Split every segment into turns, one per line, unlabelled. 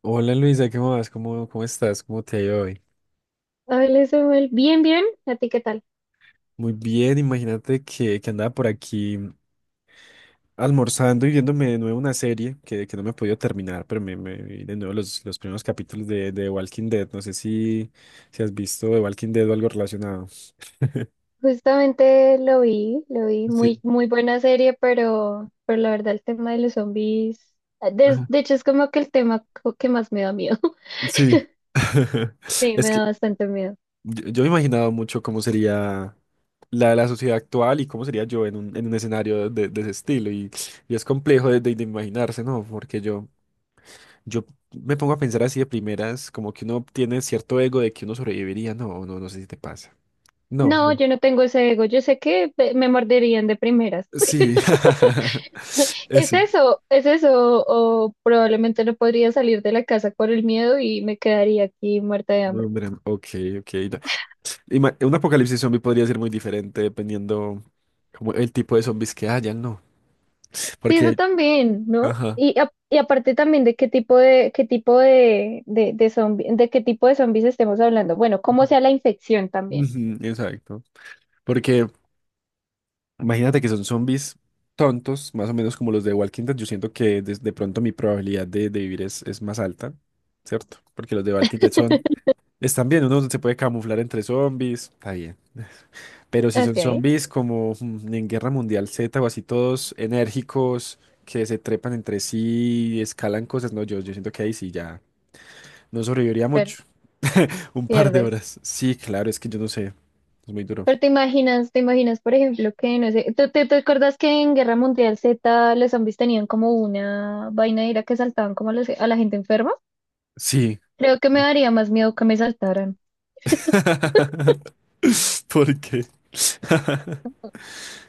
Hola Luisa, ¿qué más? ¿Cómo estás? ¿Cómo te ha ido hoy?
Hola Samuel, bien, bien, ¿a ti qué tal?
Muy bien, imagínate que andaba por aquí almorzando y viéndome de nuevo una serie que no me he podido terminar, pero me vi de nuevo los primeros capítulos de Walking Dead. No sé si, si has visto de Walking Dead o algo relacionado.
Justamente lo vi, muy,
Sí,
muy buena serie, pero la verdad el tema de los zombies, ah,
ajá,
de hecho es como que el que más me da miedo,
sí.
sí,
Es
me
que
da bastante miedo.
yo me he imaginado mucho cómo sería la sociedad actual y cómo sería yo en un escenario de ese estilo. Y es complejo de imaginarse, ¿no? Porque yo me pongo a pensar así de primeras, como que uno tiene cierto ego de que uno sobreviviría. No sé si te pasa. No,
No,
no.
yo no tengo ese ego, yo sé que me morderían de primeras.
Sí. Sí.
Es eso, o probablemente no podría salir de la casa por el miedo y me quedaría aquí muerta de
No,
hambre.
hombre, ok, ok. No. Un apocalipsis zombie podría ser muy diferente dependiendo como el tipo de zombies que hayan, ¿no?
Sí, eso
Porque,
también, ¿no?
ajá.
Y, y aparte también de qué tipo de, de de qué tipo de zombies estemos hablando. Bueno, cómo sea la infección también.
Ujú, exacto. Porque imagínate que son zombies tontos, más o menos como los de Walking Dead. Yo siento que de pronto mi probabilidad de vivir es más alta, ¿cierto? Porque los de Walking Dead son... Están bien, uno se puede camuflar entre zombies, está bien. Pero si son
Ok,
zombies como en Guerra Mundial Z o así todos enérgicos, que se trepan entre sí y escalan cosas, no, yo siento que ahí sí ya no sobreviviría
pero
mucho. Un par de
pierdes.
horas. Sí, claro, es que yo no sé, es muy duro.
Pero te imaginas, por ejemplo, que no sé, ¿te, te acuerdas que en Guerra Mundial Z los zombies tenían como una vaina de ira que saltaban como a la gente enferma?
Sí.
Creo que me daría más miedo que me saltaran.
¿Por qué?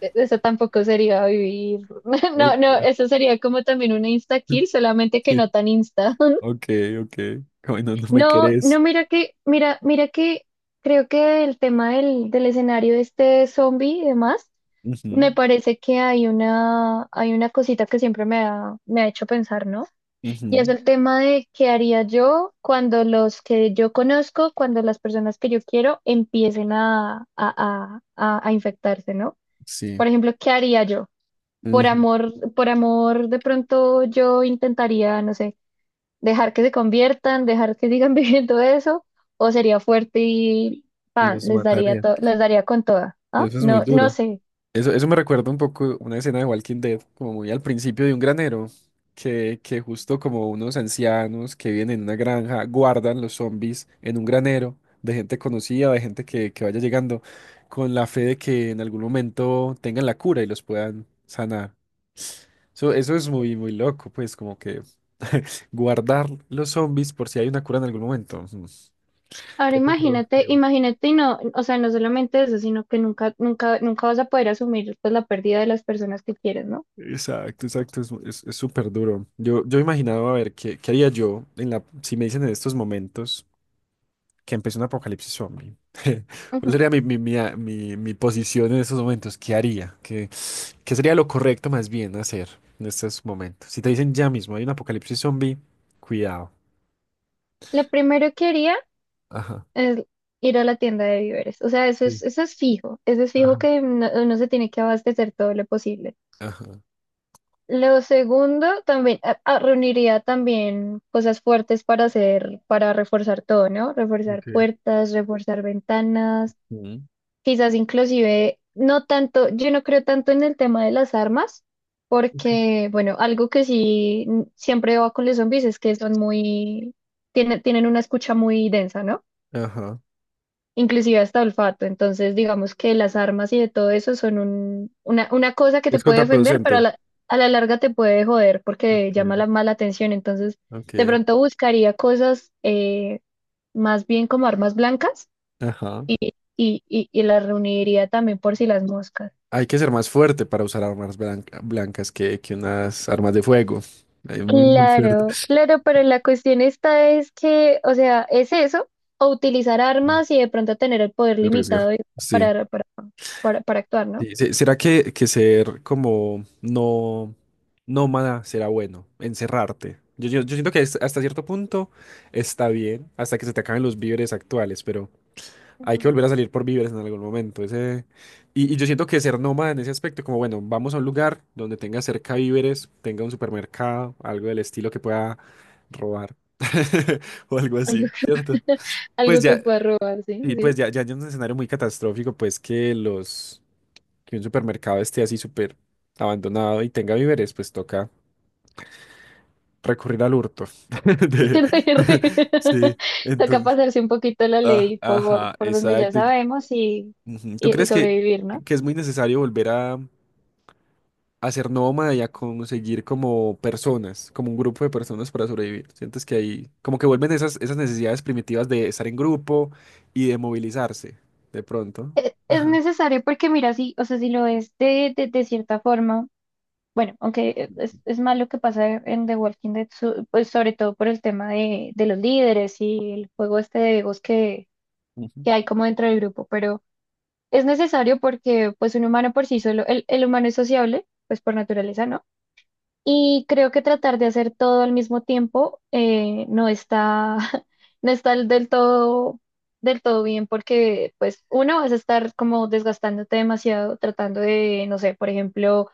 Eso tampoco sería vivir. No,
Ok,
no, eso sería como también una insta-kill, solamente que
sí,
no tan insta.
ok, ok. Bueno, no no me
No, no,
querés.
mira que, mira, mira que creo que el tema del escenario de este zombie y demás, me
Ujú,
parece que hay una cosita que siempre me ha hecho pensar, ¿no? Y es
ujú,
el tema de qué haría yo cuando los que yo conozco, cuando las personas que yo quiero empiecen a infectarse, ¿no?
sí.
Por ejemplo, ¿qué haría yo?
Ujú.
Por amor, de pronto yo intentaría, no sé, dejar que se conviertan, dejar que sigan viviendo eso, o sería fuerte y
Y
pan,
los mataré.
les daría con toda,
Y
¿ah?
eso es muy
No, no
duro.
sé.
Eso me recuerda un poco una escena de Walking Dead, como muy al principio de un granero, que justo como unos ancianos que viven en una granja guardan los zombies en un granero de gente conocida, de gente que vaya llegando, con la fe de que en algún momento tengan la cura y los puedan sanar. Eso es muy, muy loco, pues como que guardar los zombies por si hay una cura en algún momento. Ujú.
Ahora
Poco
imagínate,
productivo.
imagínate y no, o sea, no solamente eso, sino que nunca, nunca, nunca vas a poder asumir pues la pérdida de las personas que quieres, ¿no?
Exacto, exacto, es súper duro. Yo imaginaba, a ver, ¿qué, qué haría yo en la, si me dicen en estos momentos que empezó un apocalipsis zombie? ¿Cuál
Ujú.
sería mi posición en estos momentos? ¿Qué haría? ¿Qué, qué sería lo correcto más bien hacer en estos momentos? Si te dicen ya mismo hay un apocalipsis zombie, cuidado.
Lo primero que haría
Ajá,
es ir a la tienda de víveres. O sea,
sí.
eso es fijo
Ajá.
que no, uno se tiene que abastecer todo lo posible.
Ajá.
Lo segundo, también reuniría también cosas fuertes para hacer, para reforzar todo, ¿no? Reforzar
Ok,
puertas, reforzar ventanas,
mm.
quizás inclusive, no tanto, yo no creo tanto en el tema de las armas,
Ok.
porque, bueno, algo que sí siempre va con los zombies es que son muy, tienen, tienen una escucha muy densa, ¿no?
Ajá.
Inclusive hasta olfato. Entonces, digamos que las armas y de todo eso son una cosa que te
Es
puede defender, pero
contraproducente.
a la larga te puede joder porque llama
Ok.
la mala atención. Entonces, de
Ok.
pronto buscaría cosas más bien como armas blancas
Ajá.
y, y las reuniría también por si las moscas.
Hay que ser más fuerte para usar blancas que unas armas de fuego. Hay muy, muy fuerte.
Claro, claro, pero la cuestión esta es que, o sea, es eso, o utilizar armas y de pronto tener el poder
De arriesgar.
limitado y-
Sí.
para, para, para actuar, ¿no?
Sí, ¿Será que ser como no nómada será bueno? Encerrarte. Yo siento que hasta cierto punto está bien, hasta que se te acaben los víveres actuales, pero hay que volver a salir por víveres en algún momento. Ese... Y, y yo siento que ser nómada en ese aspecto, como bueno, vamos a un lugar donde tenga cerca víveres, tenga un supermercado, algo del estilo que pueda robar. O algo así, ¿cierto? Pues
Algo que
ya,
pueda robar, sí,
y pues
sí.
ya, ya hay un escenario muy catastrófico, pues que los, que un supermercado esté así súper abandonado y tenga víveres, pues toca recurrir al hurto. De- Sí,
Toca
entonces,
pasarse un poquito la
ah,
ley
ajá,
por donde ya
exacto. Y-
sabemos
ujú. ¿Tú
y
crees
sobrevivir, ¿no?
que es muy necesario volver a, hacer nómada y a conseguir como personas, como un grupo de personas para sobrevivir. Sientes que ahí, como que vuelven esas, esas necesidades primitivas de estar en grupo y de movilizarse, de pronto.
Es
Ajá.
necesario porque mira, sí, o sea, si lo es de cierta forma, bueno, aunque es malo que pasa en The Walking Dead, pues sobre todo por el tema de los líderes y el juego este de egos
Ujú,
que hay como dentro del grupo, pero es necesario porque pues un humano por sí solo, el humano es sociable, pues por naturaleza, ¿no? Y creo que tratar de hacer todo al mismo tiempo no está, no está del todo bien porque, pues, uno, vas a estar como desgastándote demasiado tratando de, no sé, por ejemplo,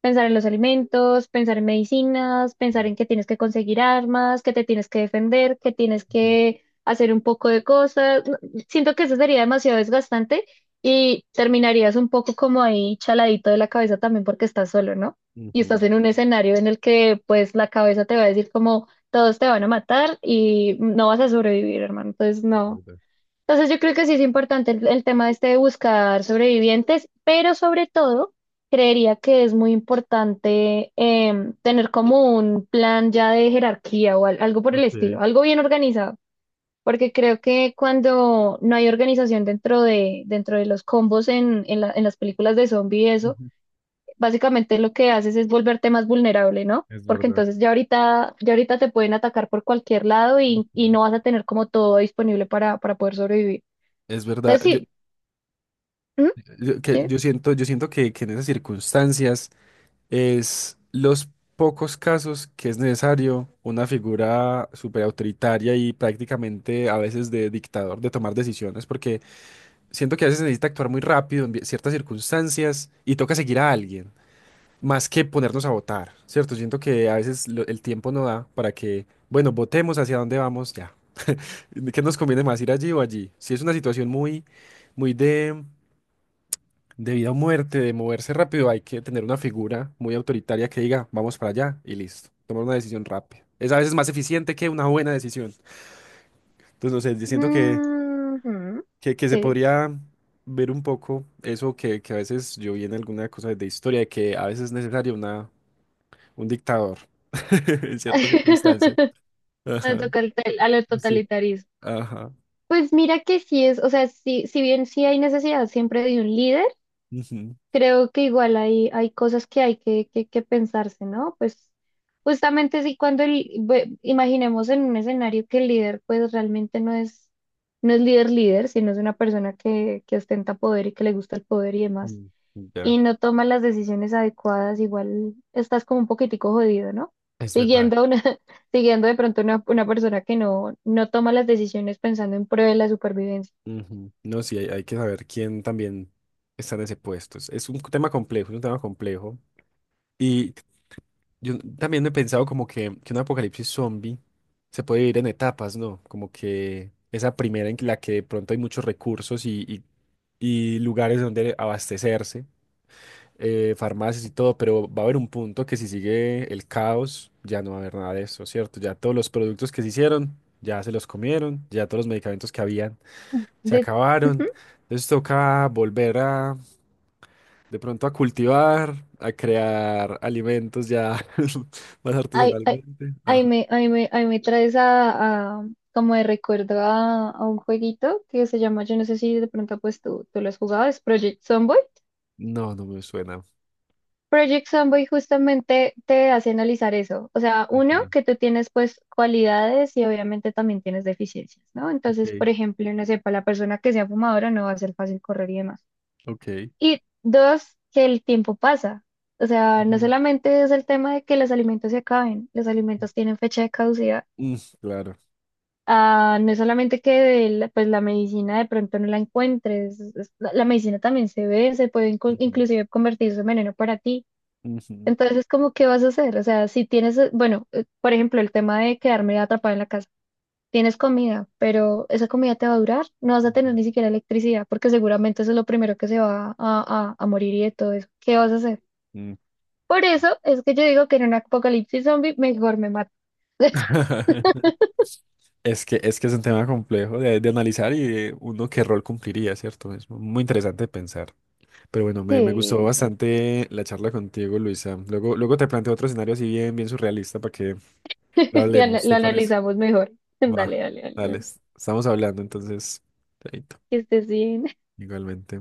pensar en los alimentos, pensar en medicinas, pensar en que tienes que conseguir armas, que te tienes que defender, que tienes
ujú,
que hacer un poco de cosas. No, siento que eso sería demasiado desgastante y terminarías un poco como ahí chaladito de la cabeza también porque estás solo, ¿no? Y estás
ujú.
en un escenario en el que pues la cabeza te va a decir como todos te van a matar y no vas a sobrevivir, hermano. Entonces
Es
no.
verdad.
Entonces yo creo que sí es importante el tema este de buscar sobrevivientes, pero sobre todo creería que es muy importante em, tener como un plan ya de jerarquía o algo por el
Ok,
estilo, algo bien organizado, porque creo que cuando no hay organización dentro de los combos en en las películas de zombie y eso,
ujú.
básicamente lo que haces es volverte más vulnerable, ¿no?
Es
Porque
verdad.
entonces ya ahorita te pueden atacar por cualquier lado y
Ujú.
no vas a tener como todo disponible para poder sobrevivir.
Es verdad,
Entonces,
yo,
sí, ¿mm? ¿Sí?
yo siento que en esas circunstancias. Es los pocos casos que es necesario una figura súper autoritaria y prácticamente a veces de dictador de tomar decisiones, porque siento que a veces se necesita actuar muy rápido en ciertas circunstancias y toca seguir a alguien, más que ponernos a votar, ¿cierto? Siento que a veces el tiempo no da para que, bueno, votemos hacia dónde vamos ya. ¿Qué nos conviene más, ir allí o allí? Si es una situación muy, muy de... De vida o muerte, de moverse rápido, hay que tener una figura muy autoritaria que diga, vamos para allá y listo. Tomar una decisión rápida. Es a veces más eficiente que una buena decisión. Entonces, no sé, yo siento
Ujú.
que se
Sí.
podría ver un poco eso que a veces yo vi en alguna cosa de historia, de que a veces es necesario una, un dictador en ciertas circunstancias.
Me
Ajá,
toca el tel- al total- a lo
sí.
totalitarismo.
Ajá.
Pues mira que sí es, o sea, sí, si bien sí hay necesidad siempre de un líder,
Ujú,
creo que igual hay, hay cosas que hay que pensarse, ¿no? Pues justamente sí, cuando el, imaginemos en un escenario que el líder pues realmente no es, no es líder líder, sino es una persona que ostenta poder y que le gusta el poder y demás.
mm, ya.
Y no tomas las decisiones adecuadas, igual estás como un poquitico jodido, ¿no?
Es verdad.
Siguiendo una, siguiendo de pronto una persona que no, no toma las decisiones pensando en pro de la supervivencia.
Ujú. No, sí, hay que saber quién también está en ese puesto. Es un tema complejo, es un tema complejo. Y yo también he pensado como que un apocalipsis zombie se puede vivir en etapas, ¿no? Como que esa primera en la que de pronto hay muchos recursos y, y lugares donde abastecerse, farmacias y todo, pero va a haber un punto que si sigue el caos, ya no va a haber nada de eso, ¿cierto? Ya todos los productos que se hicieron, ya se los comieron, ya todos los medicamentos que habían se
De,
acabaron.
ujú.
Entonces toca volver a, de pronto a cultivar, a crear alimentos ya más
Ay, ay,
artesanalmente. Ajá.
ay, me, ay, me, ay, me traes como de recuerdo a un jueguito que se llama, yo no sé si de pronto pues tú lo has jugado, es Project Zomboid.
No, no me suena.
Project Zomboid justamente te hace analizar eso. O sea,
Ok,
uno, que tú tienes pues cualidades y obviamente también tienes deficiencias, ¿no? Entonces, por
ok,
ejemplo, no sé, para la persona que sea fumadora no va a ser fácil correr y demás.
ok.
Y dos, que el tiempo pasa. O sea, no
Ujú.
solamente es el tema de que los alimentos se acaben, los alimentos tienen fecha de caducidad.
Mm, claro.
Ah, no es solamente que pues la medicina de pronto no la encuentres, la, la medicina también se ve, se puede
Ujú,
inclusive convertirse en veneno para ti.
ujú,
Entonces, como, ¿qué vas a hacer? O sea, si tienes, bueno, por ejemplo, el tema de quedarme atrapada en la casa. Tienes comida, pero esa comida te va a durar. No vas a tener
ujú.
ni siquiera electricidad, porque seguramente eso es lo primero que se va a morir y de todo eso. ¿Qué vas a hacer?
Mm.
Por eso es que yo digo que en un apocalipsis zombie mejor me mato.
Es que, es que es un tema complejo de analizar y de uno qué rol cumpliría, ¿cierto? Es muy interesante pensar. Pero bueno, me gustó
Sí, sí.
bastante la charla contigo, Luisa. Luego, luego te planteo otro escenario así bien, bien surrealista para que lo
Y
hablemos,
lo
¿te parece?
analizamos mejor. Dale,
Va,
dale, dale.
dale,
dale.
estamos hablando entonces. Chaito,
Que estés bien.
igualmente.